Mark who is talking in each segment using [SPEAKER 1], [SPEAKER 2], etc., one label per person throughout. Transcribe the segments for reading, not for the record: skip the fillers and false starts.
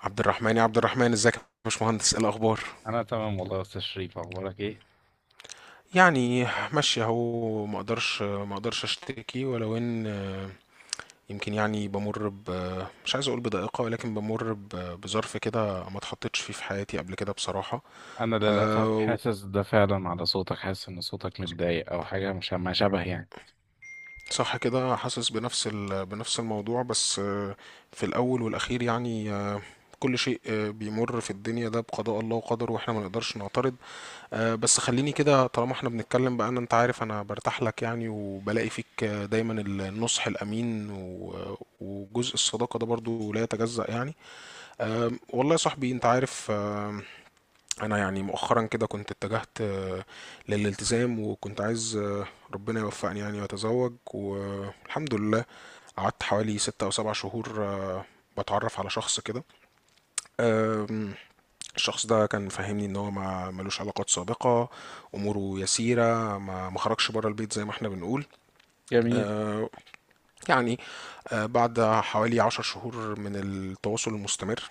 [SPEAKER 1] عبد الرحمن، يا عبد الرحمن، ازيك يا باشمهندس؟ ايه الاخبار؟
[SPEAKER 2] انا تمام والله يا استاذ شريف اخبارك ايه؟
[SPEAKER 1] يعني ماشي اهو، ما اقدرش اشتكي، ولو ان يمكن يعني بمر ب مش عايز اقول بضائقه، ولكن بظرف كده ما اتحطتش فيه في حياتي قبل كده بصراحه.
[SPEAKER 2] انا للاسف
[SPEAKER 1] آه،
[SPEAKER 2] حاسس ده فعلا على صوتك، حاسس ان صوتك متضايق او حاجه مش ما شبه يعني.
[SPEAKER 1] صح كده، حاسس بنفس الموضوع، بس في الاول والاخير يعني كل شيء بيمر في الدنيا ده بقضاء الله وقدره، واحنا ما نقدرش نعترض. أه بس خليني كده طالما احنا بنتكلم بقى، ان انت عارف انا برتاح لك يعني، وبلاقي فيك دايما النصح الامين وجزء الصداقة ده برضو لا يتجزأ يعني. أه والله يا صاحبي انت عارف. أه، انا يعني مؤخرا كده كنت اتجهت أه للالتزام، وكنت عايز أه ربنا يوفقني يعني واتزوج والحمد لله. قعدت حوالي 6 او 7 شهور أه بتعرف على شخص كده. آم، الشخص ده كان فاهمني ان هو ما ملوش علاقات سابقة، اموره يسيرة، ما خرجش بره البيت زي ما احنا بنقول.
[SPEAKER 2] جميل.
[SPEAKER 1] آه، يعني بعد حوالي 10 شهور من التواصل المستمر،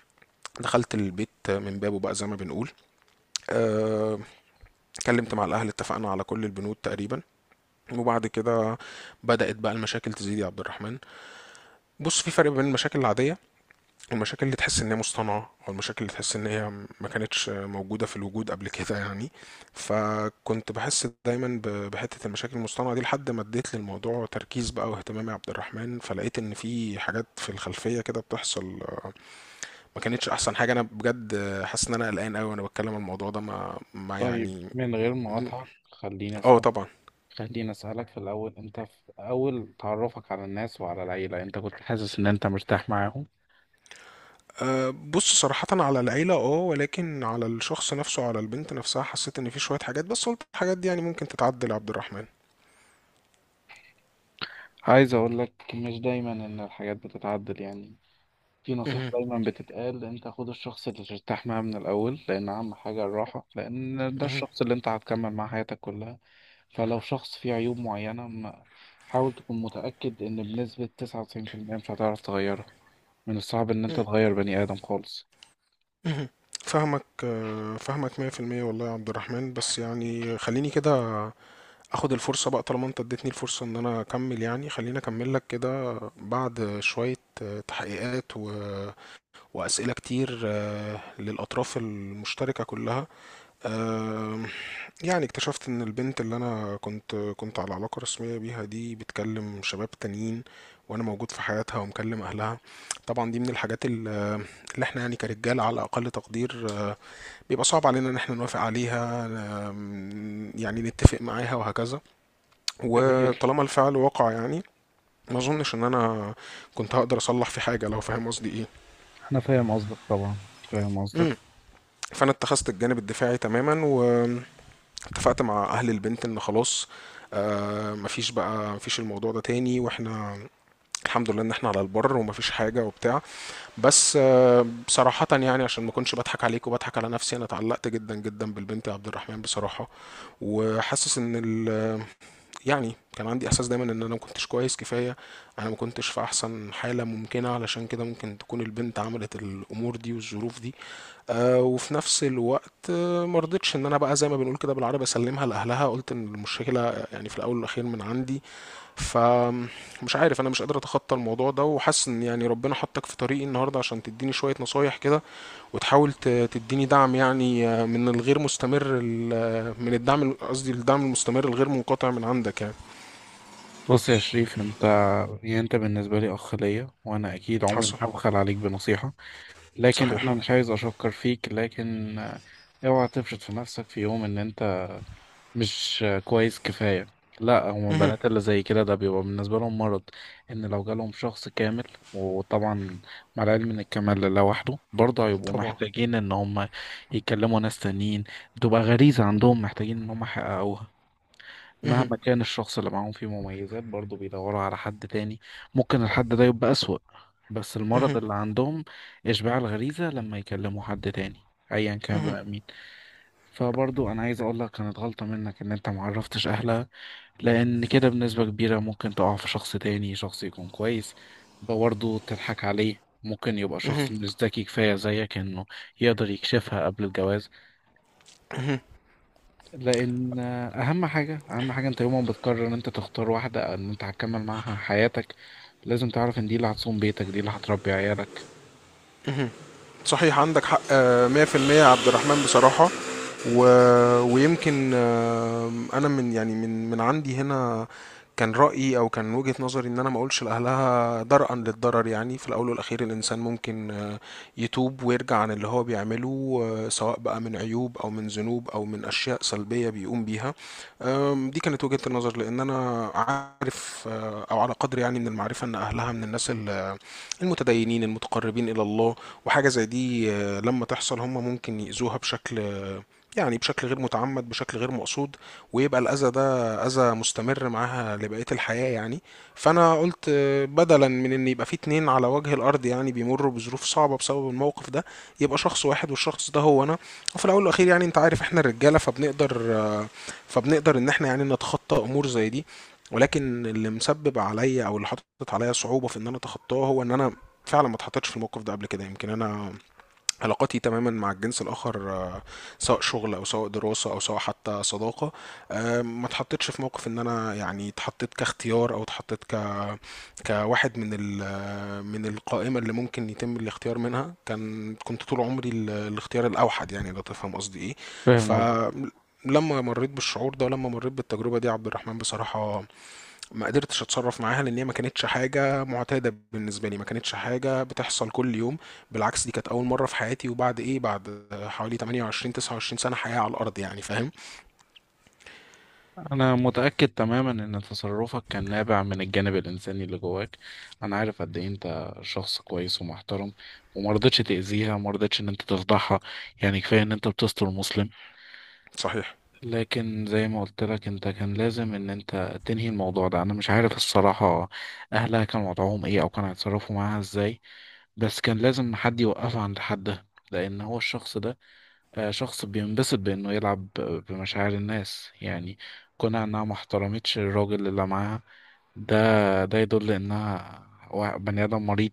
[SPEAKER 1] دخلت البيت من بابه بقى زي ما بنقول. آه، اتكلمت مع الاهل، اتفقنا على كل البنود تقريبا، وبعد كده بدأت بقى المشاكل تزيد يا عبد الرحمن. بص، في فرق بين المشاكل العادية، المشاكل اللي تحس ان هي مصطنعه، او المشاكل اللي تحس ان هي ما كانتش موجوده في الوجود قبل كده يعني. فكنت بحس دايما بحته المشاكل المصطنعه دي، لحد ما اديت للموضوع تركيز بقى واهتمام يا عبد الرحمن، فلقيت ان في حاجات في الخلفيه كده بتحصل. ما كانتش احسن حاجه، انا بجد حاسس ان انا قلقان قوي وانا بتكلم عن الموضوع ده. ما
[SPEAKER 2] طيب،
[SPEAKER 1] يعني.
[SPEAKER 2] من غير
[SPEAKER 1] م-
[SPEAKER 2] مقاطعة
[SPEAKER 1] اه طبعا.
[SPEAKER 2] خليني اسالك في الاول، انت في اول تعرفك على الناس وعلى العيله انت كنت حاسس ان انت مرتاح معاهم؟
[SPEAKER 1] أه بص، صراحة على العيلة اه، ولكن على الشخص نفسه على البنت نفسها، حسيت ان في شوية حاجات، بس قلت الحاجات دي يعني ممكن تتعدل يا عبد الرحمن.
[SPEAKER 2] عايز اقول لك، مش دايما ان الحاجات بتتعدل يعني. في نصيحة
[SPEAKER 1] مهم.
[SPEAKER 2] دايما بتتقال، انت خد الشخص اللي ترتاح معاه من الأول، لأن أهم حاجة الراحة، لأن ده
[SPEAKER 1] مهم.
[SPEAKER 2] الشخص اللي انت هتكمل معاه حياتك كلها. فلو شخص فيه عيوب معينة حاول تكون متأكد إن بنسبة 99% مش هتعرف تغيرها. من الصعب إن انت
[SPEAKER 1] مم.
[SPEAKER 2] تغير بني آدم خالص.
[SPEAKER 1] مهم. فاهمك فاهمك 100% والله يا عبد الرحمن، بس يعني خليني كده اخد الفرصة بقى، طالما انت اديتني الفرصة ان انا اكمل يعني، خليني اكمل لك كده. بعد شوية تحقيقات واسئلة كتير للاطراف المشتركة كلها. آم، يعني اكتشفت ان البنت اللي انا كنت على علاقة رسمية بيها دي، بتكلم شباب تانيين، وانا موجود في حياتها ومكلم اهلها. طبعا دي من اللي احنا يعني كرجالة على اقل تقدير بيبقى صعب علينا ان احنا نوافق عليها. يعني نتفق معاها وهكذا،
[SPEAKER 2] جميل.
[SPEAKER 1] وطالما الفعل وقع يعني، ما اظنش ان انا كنت هقدر اصلح في حاجة، لو فاهم قصدي ايه.
[SPEAKER 2] أنا فاهم قصدك، طبعا فاهم قصدك.
[SPEAKER 1] مم. فانا اتخذت الجانب الدفاعي تماما، و اتفقت مع اهل البنت ان خلاص. آه مفيش بقى، مفيش الموضوع ده تاني، واحنا الحمد لله ان احنا على البر، ومفيش حاجه وبتاع. بس آه بصراحه يعني عشان ما اكونش بضحك عليك وبضحك على نفسي، انا اتعلقت جدا جدا بالبنت يا عبد الرحمن بصراحه. وحاسس ان يعني كان عندي احساس دايما ان انا ما كنتش كويس كفايه، انا ما كنتش في احسن حاله ممكنه، علشان كده ممكن تكون البنت عملت الامور دي والظروف دي. آه وفي نفس الوقت آه ما رضيتش ان انا بقى زي ما بنقول كده بالعربي اسلمها لاهلها، قلت ان المشكله يعني في الاول والاخير من عندي. فمش عارف، انا مش قادر اتخطى الموضوع ده، وحاسس ان يعني ربنا حطك في طريقي النهارده، عشان تديني شويه نصايح كده، وتحاول تديني دعم يعني من الغير مستمر من الدعم، قصدي الدعم المستمر الغير منقطع من عندك يعني.
[SPEAKER 2] بص يا شريف، انت يعني انت بالنسبة لي اخ ليا، وانا اكيد عمري ما
[SPEAKER 1] حصل.
[SPEAKER 2] هبخل عليك بنصيحة. لكن
[SPEAKER 1] صحيح.
[SPEAKER 2] انا مش عايز اشكر فيك، لكن اوعى تفرط في نفسك في يوم ان انت مش كويس كفاية. لا، هم
[SPEAKER 1] مهم.
[SPEAKER 2] البنات اللي زي كده ده بيبقى بالنسبة لهم مرض، ان لو جالهم شخص كامل. وطبعا، مع العلم ان الكمال لوحده، برضه هيبقوا
[SPEAKER 1] طبعا.
[SPEAKER 2] محتاجين ان هم يكلموا ناس تانيين. بتبقى غريزة عندهم محتاجين ان هم يحققوها.
[SPEAKER 1] مهم.
[SPEAKER 2] مهما كان الشخص اللي معاهم فيه مميزات، برضه بيدوروا على حد تاني. ممكن الحد ده يبقى أسوأ، بس المرض
[SPEAKER 1] مهم.
[SPEAKER 2] اللي عندهم إشباع الغريزة، لما يكلموا حد تاني أيا كان
[SPEAKER 1] مهم.
[SPEAKER 2] بقى. فبرضو انا عايز اقول لك، كانت غلطة منك ان انت معرفتش اهلها، لان كده بنسبة كبيرة ممكن تقع في شخص تاني، شخص يكون كويس برضو تضحك عليه. ممكن يبقى
[SPEAKER 1] مهم.
[SPEAKER 2] شخص مش ذكي كفاية زيك، انه يقدر يكشفها قبل الجواز. لان اهم حاجة، اهم حاجة، انت يوم ما بتقرر ان انت تختار واحدة او ان انت هتكمل معاها حياتك، لازم تعرف ان دي اللي هتصوم بيتك، دي اللي هتربي عيالك.
[SPEAKER 1] صحيح عندك حق 100% يا عبد الرحمن بصراحة. و... ويمكن انا من يعني من عندي هنا، كان رأيي او كان وجهة نظري ان انا ما اقولش لاهلها درءا للضرر، يعني في الاول والاخير الانسان ممكن يتوب ويرجع عن اللي هو بيعمله سواء بقى من عيوب، او من ذنوب، او من اشياء سلبيه بيقوم بيها. دي كانت وجهه النظر، لان انا عارف او على قدر يعني من المعرفه، ان اهلها من المتدينين المتقربين الى الله. وحاجه زي دي لما تحصل، هم ممكن يأذوها بشكل يعني بشكل غير متعمد، بشكل غير مقصود، ويبقى الأذى ده أذى مستمر معاها لبقية الحياة يعني. فأنا قلت بدلا من إن يبقى في اتنين على وجه الأرض يعني بيمروا بظروف صعبة بسبب الموقف ده، يبقى شخص واحد، والشخص ده هو أنا. وفي الاول والاخير يعني انت عارف، احنا الرجاله فبنقدر، فبنقدر ان احنا يعني نتخطى امور زي دي. ولكن اللي مسبب عليا، او اللي حاطط عليا صعوبه في ان انا اتخطاه، هو ان انا فعلا ما اتحطيتش في الموقف ده قبل كده. يمكن انا علاقاتي تماما مع الجنس الآخر سواء شغل، أو سواء دراسة، أو سواء حتى صداقة، ما اتحطيتش في موقف إن أنا يعني اتحطيت كاختيار، أو اتحطيت ك كواحد من من القائمة اللي ممكن يتم الاختيار منها. كان كنت طول عمري الاختيار الأوحد يعني، لو تفهم قصدي إيه.
[SPEAKER 2] فاهم.
[SPEAKER 1] فلما مريت بالشعور ده، ولما مريت بالتجربة دي عبد الرحمن بصراحة، ما قدرتش اتصرف معاها، لان هي ما كانتش حاجه معتاده بالنسبه لي، ما كانتش حاجه بتحصل كل يوم. بالعكس، دي كانت اول مره في حياتي، وبعد ايه، بعد حوالي 28 29 سنه حياه على الارض يعني، فاهم.
[SPEAKER 2] أنا متأكد تماما إن تصرفك كان نابع من الجانب الإنساني اللي جواك. أنا عارف قد إيه أنت شخص كويس ومحترم، ومرضتش تأذيها، مرضتش إن أنت تفضحها. يعني كفاية إن أنت بتستر مسلم.
[SPEAKER 1] صحيح.
[SPEAKER 2] لكن زي ما قلت لك، أنت كان لازم إن أنت تنهي الموضوع ده. أنا مش عارف الصراحة أهلها كان وضعهم إيه أو كانوا هيتصرفوا معاها إزاي، بس كان لازم حد يوقفها عند حدها. لأن هو الشخص ده شخص بينبسط بإنه يلعب بمشاعر الناس يعني. كونها إنها ما احترمتش الراجل اللي معاها ده، ده يدل إنها بني آدم مريض،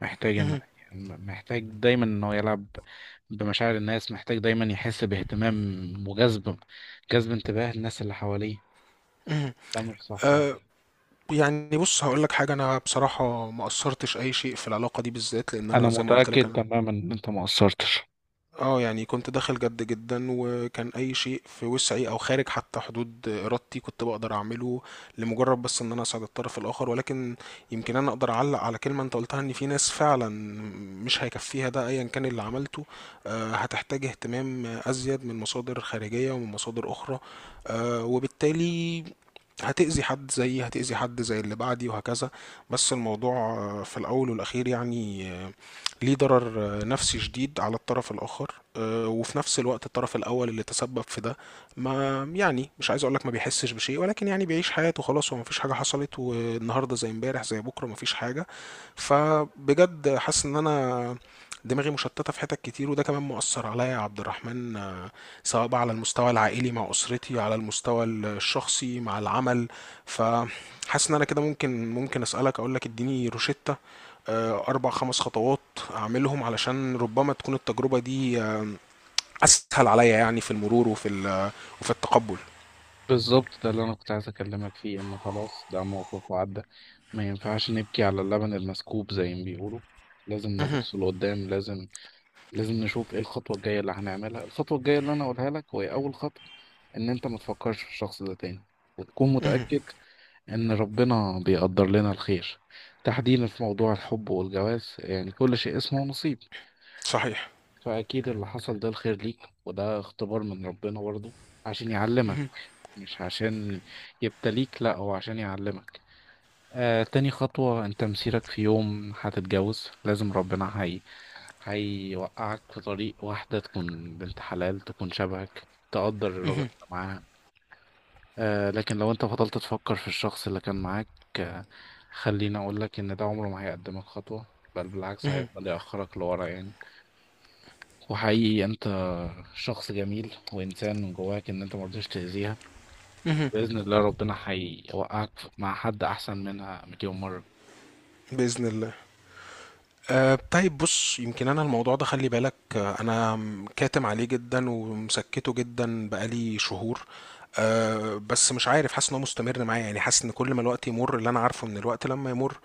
[SPEAKER 2] محتاج إن
[SPEAKER 1] مهم.
[SPEAKER 2] محتاج دايما إنه يلعب بمشاعر الناس، محتاج دايما يحس باهتمام وجذب جذب انتباه الناس اللي حواليه.
[SPEAKER 1] مهم.
[SPEAKER 2] ده مش صح أبدا.
[SPEAKER 1] أه يعني بص هقول لك حاجه، انا بصراحه ما اثرتش اي شيء في العلاقه دي بالذات، لان
[SPEAKER 2] أنا
[SPEAKER 1] انا زي ما قلت
[SPEAKER 2] متأكد
[SPEAKER 1] لك، انا
[SPEAKER 2] تماما إن أنت ما قصرتش.
[SPEAKER 1] اه يعني كنت داخل جد جدا، وكان اي شيء في وسعي او خارج حتى حدود ارادتي كنت بقدر اعمله، لمجرد بس ان انا اساعد الطرف الاخر. ولكن يمكن انا اقدر اعلق على كلمة انت قلتها، ان في ناس فعلا مش هيكفيها ده ايا كان اللي عملته، هتحتاج اهتمام ازيد من مصادر خارجية ومن مصادر اخرى، وبالتالي هتأذي حد زيي، هتأذي حد زي اللي بعدي، وهكذا. بس الموضوع في الأول والأخير يعني، ليه ضرر نفسي شديد على الطرف الآخر. وفي نفس الوقت الطرف الأول اللي تسبب في ده، ما يعني، مش عايز أقولك ما بيحسش بشيء، ولكن يعني بيعيش حياته، خلاص هو مفيش حاجة حصلت، والنهاردة زي امبارح زي بكرة، مفيش حاجة. فبجد حاسس إن أنا دماغي مشتتة في حتت كتير، وده كمان مؤثر عليا يا عبد الرحمن، سواء بقى على المستوى العائلي مع أسرتي، على المستوى الشخصي مع العمل. فحاسس إن أنا كده ممكن، ممكن أسألك، أقولك اديني روشتة 4 5 خطوات أعملهم، علشان ربما تكون التجربة دي أسهل عليا يعني، في المرور وفي التقبل.
[SPEAKER 2] بالظبط، ده اللي انا كنت عايز اكلمك فيه، ان خلاص ده موقف وعدى. ما ينفعش نبكي على اللبن المسكوب زي ما بيقولوا. لازم
[SPEAKER 1] مهم.
[SPEAKER 2] نبص لقدام، لازم نشوف ايه الخطوه الجايه اللي هنعملها. الخطوه الجايه اللي انا اقولها لك، وهي اول خطوه، ان انت ما تفكرش في الشخص ده تاني، وتكون
[SPEAKER 1] مهم.
[SPEAKER 2] متاكد ان ربنا بيقدر لنا الخير. تحديدا في موضوع الحب والجواز يعني كل شيء اسمه نصيب.
[SPEAKER 1] صحيح.
[SPEAKER 2] فأكيد اللي حصل ده الخير ليك، وده اختبار من ربنا برضه عشان يعلمك،
[SPEAKER 1] مهم.
[SPEAKER 2] مش عشان يبتليك، لا، هو عشان يعلمك. تاني خطوة، انت مسيرك في يوم هتتجوز، لازم ربنا هيوقعك في طريق واحدة تكون بنت حلال، تكون شبهك، تقدر الراجل اللي معاها. لكن لو انت فضلت تفكر في الشخص اللي كان معاك، آه خليني اقولك ان ده عمره ما هيقدمك خطوة، بل بالعكس هيفضل يأخرك لورا يعني. وحقيقي انت شخص جميل وانسان من جواك، ان انت ما رضيتش تاذيها. باذن الله ربنا هيوقعك مع حد احسن منها مليون مره.
[SPEAKER 1] بإذن الله. أه طيب بص، يمكن انا الموضوع ده، خلي بالك أه انا كاتم عليه جدا، ومسكته جدا بقالي شهور. أه بس مش عارف، حاسس ان هو مستمر معايا يعني، حاسس ان كل ما الوقت يمر، اللي انا عارفه ان الوقت لما يمر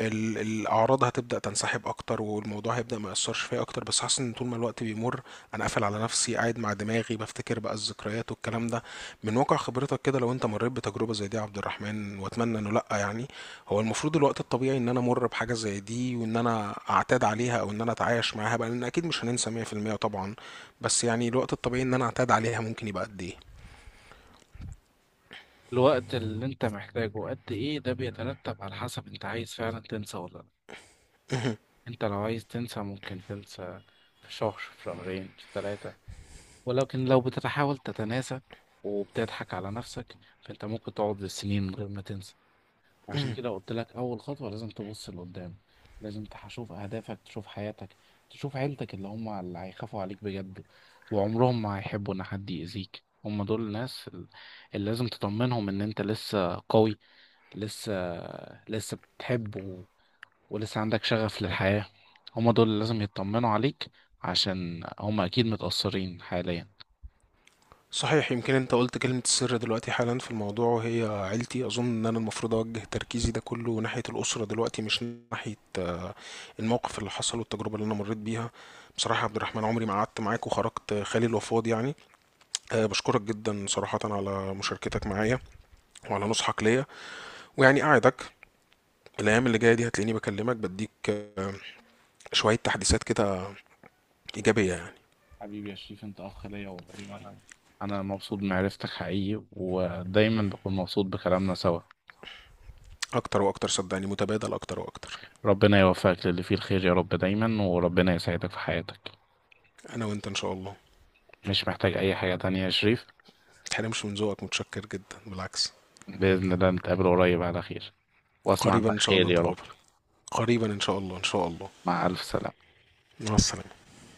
[SPEAKER 1] الاعراض هتبدا تنسحب اكتر، والموضوع هيبدا ما ياثرش فيا اكتر. بس حاسس ان طول ما الوقت بيمر، انا قافل على نفسي، قاعد مع دماغي، بفتكر بقى الذكريات والكلام ده. من واقع خبرتك كده، لو انت مريت بتجربه زي دي يا عبد الرحمن، واتمنى انه لا يعني، هو المفروض الوقت الطبيعي ان انا امر بحاجه زي دي وان انا اعتاد عليها، او ان انا اتعايش معاها بقى، لان اكيد مش هننسى 100% طبعا. بس يعني الوقت الطبيعي ان انا اعتاد عليها ممكن يبقى قد ايه؟
[SPEAKER 2] الوقت اللي انت محتاجه قد ايه، ده بيترتب على حسب انت عايز فعلا تنسى ولا لا. انت لو عايز تنسى، ممكن تنسى في شهر، في شهرين، في ثلاثة. ولكن لو بتحاول تتناسى وبتضحك على نفسك، فانت ممكن تقعد بالسنين من غير ما تنسى. عشان
[SPEAKER 1] مم.
[SPEAKER 2] كده قلت لك اول خطوه لازم تبص لقدام، لازم تشوف اهدافك، تشوف حياتك، تشوف عيلتك، اللي هم اللي هيخافوا عليك بجد، وعمرهم ما هيحبوا ان حد يأذيك. هم دول الناس اللي لازم تطمنهم ان انت لسه قوي، لسه لسه بتحب ولسه عندك شغف للحياه. هم دول اللي لازم يطمنوا عليك، عشان هم اكيد متأثرين حاليا.
[SPEAKER 1] صحيح، يمكن انت قلت كلمة السر دلوقتي حالا في الموضوع، وهي عيلتي. اظن ان انا المفروض اوجه تركيزي ده كله ناحية الاسرة دلوقتي، مش ناحية الموقف اللي حصل والتجربة اللي انا مريت بيها. بصراحة يا عبد الرحمن، عمري ما قعدت معاك وخرجت خالي الوفاض يعني. أه بشكرك جدا صراحة على مشاركتك معايا، وعلى نصحك ليا. ويعني أعدك الايام اللي جايه دي هتلاقيني بكلمك، بديك شويه تحديثات كده ايجابيه يعني.
[SPEAKER 2] حبيبي يا شريف، انت اخ ليا والله. أنا مبسوط بمعرفتك حقيقي، ودايما بكون مبسوط بكلامنا سوا.
[SPEAKER 1] اكتر واكتر صدقني، متبادل اكتر واكتر.
[SPEAKER 2] ربنا يوفقك للي فيه الخير يا رب دايما، وربنا يسعدك في حياتك.
[SPEAKER 1] انا وانت ان شاء الله.
[SPEAKER 2] مش محتاج أي حاجة تانية يا شريف.
[SPEAKER 1] متحرمش من ذوقك، متشكر جدا بالعكس.
[SPEAKER 2] بإذن الله نتقابل قريب على خير، وأسمع
[SPEAKER 1] قريبا
[SPEAKER 2] عنك
[SPEAKER 1] ان شاء الله
[SPEAKER 2] خير يا رب.
[SPEAKER 1] نتقابل. قريبا ان شاء الله، ان شاء الله.
[SPEAKER 2] مع ألف سلامة.
[SPEAKER 1] مع السلامه.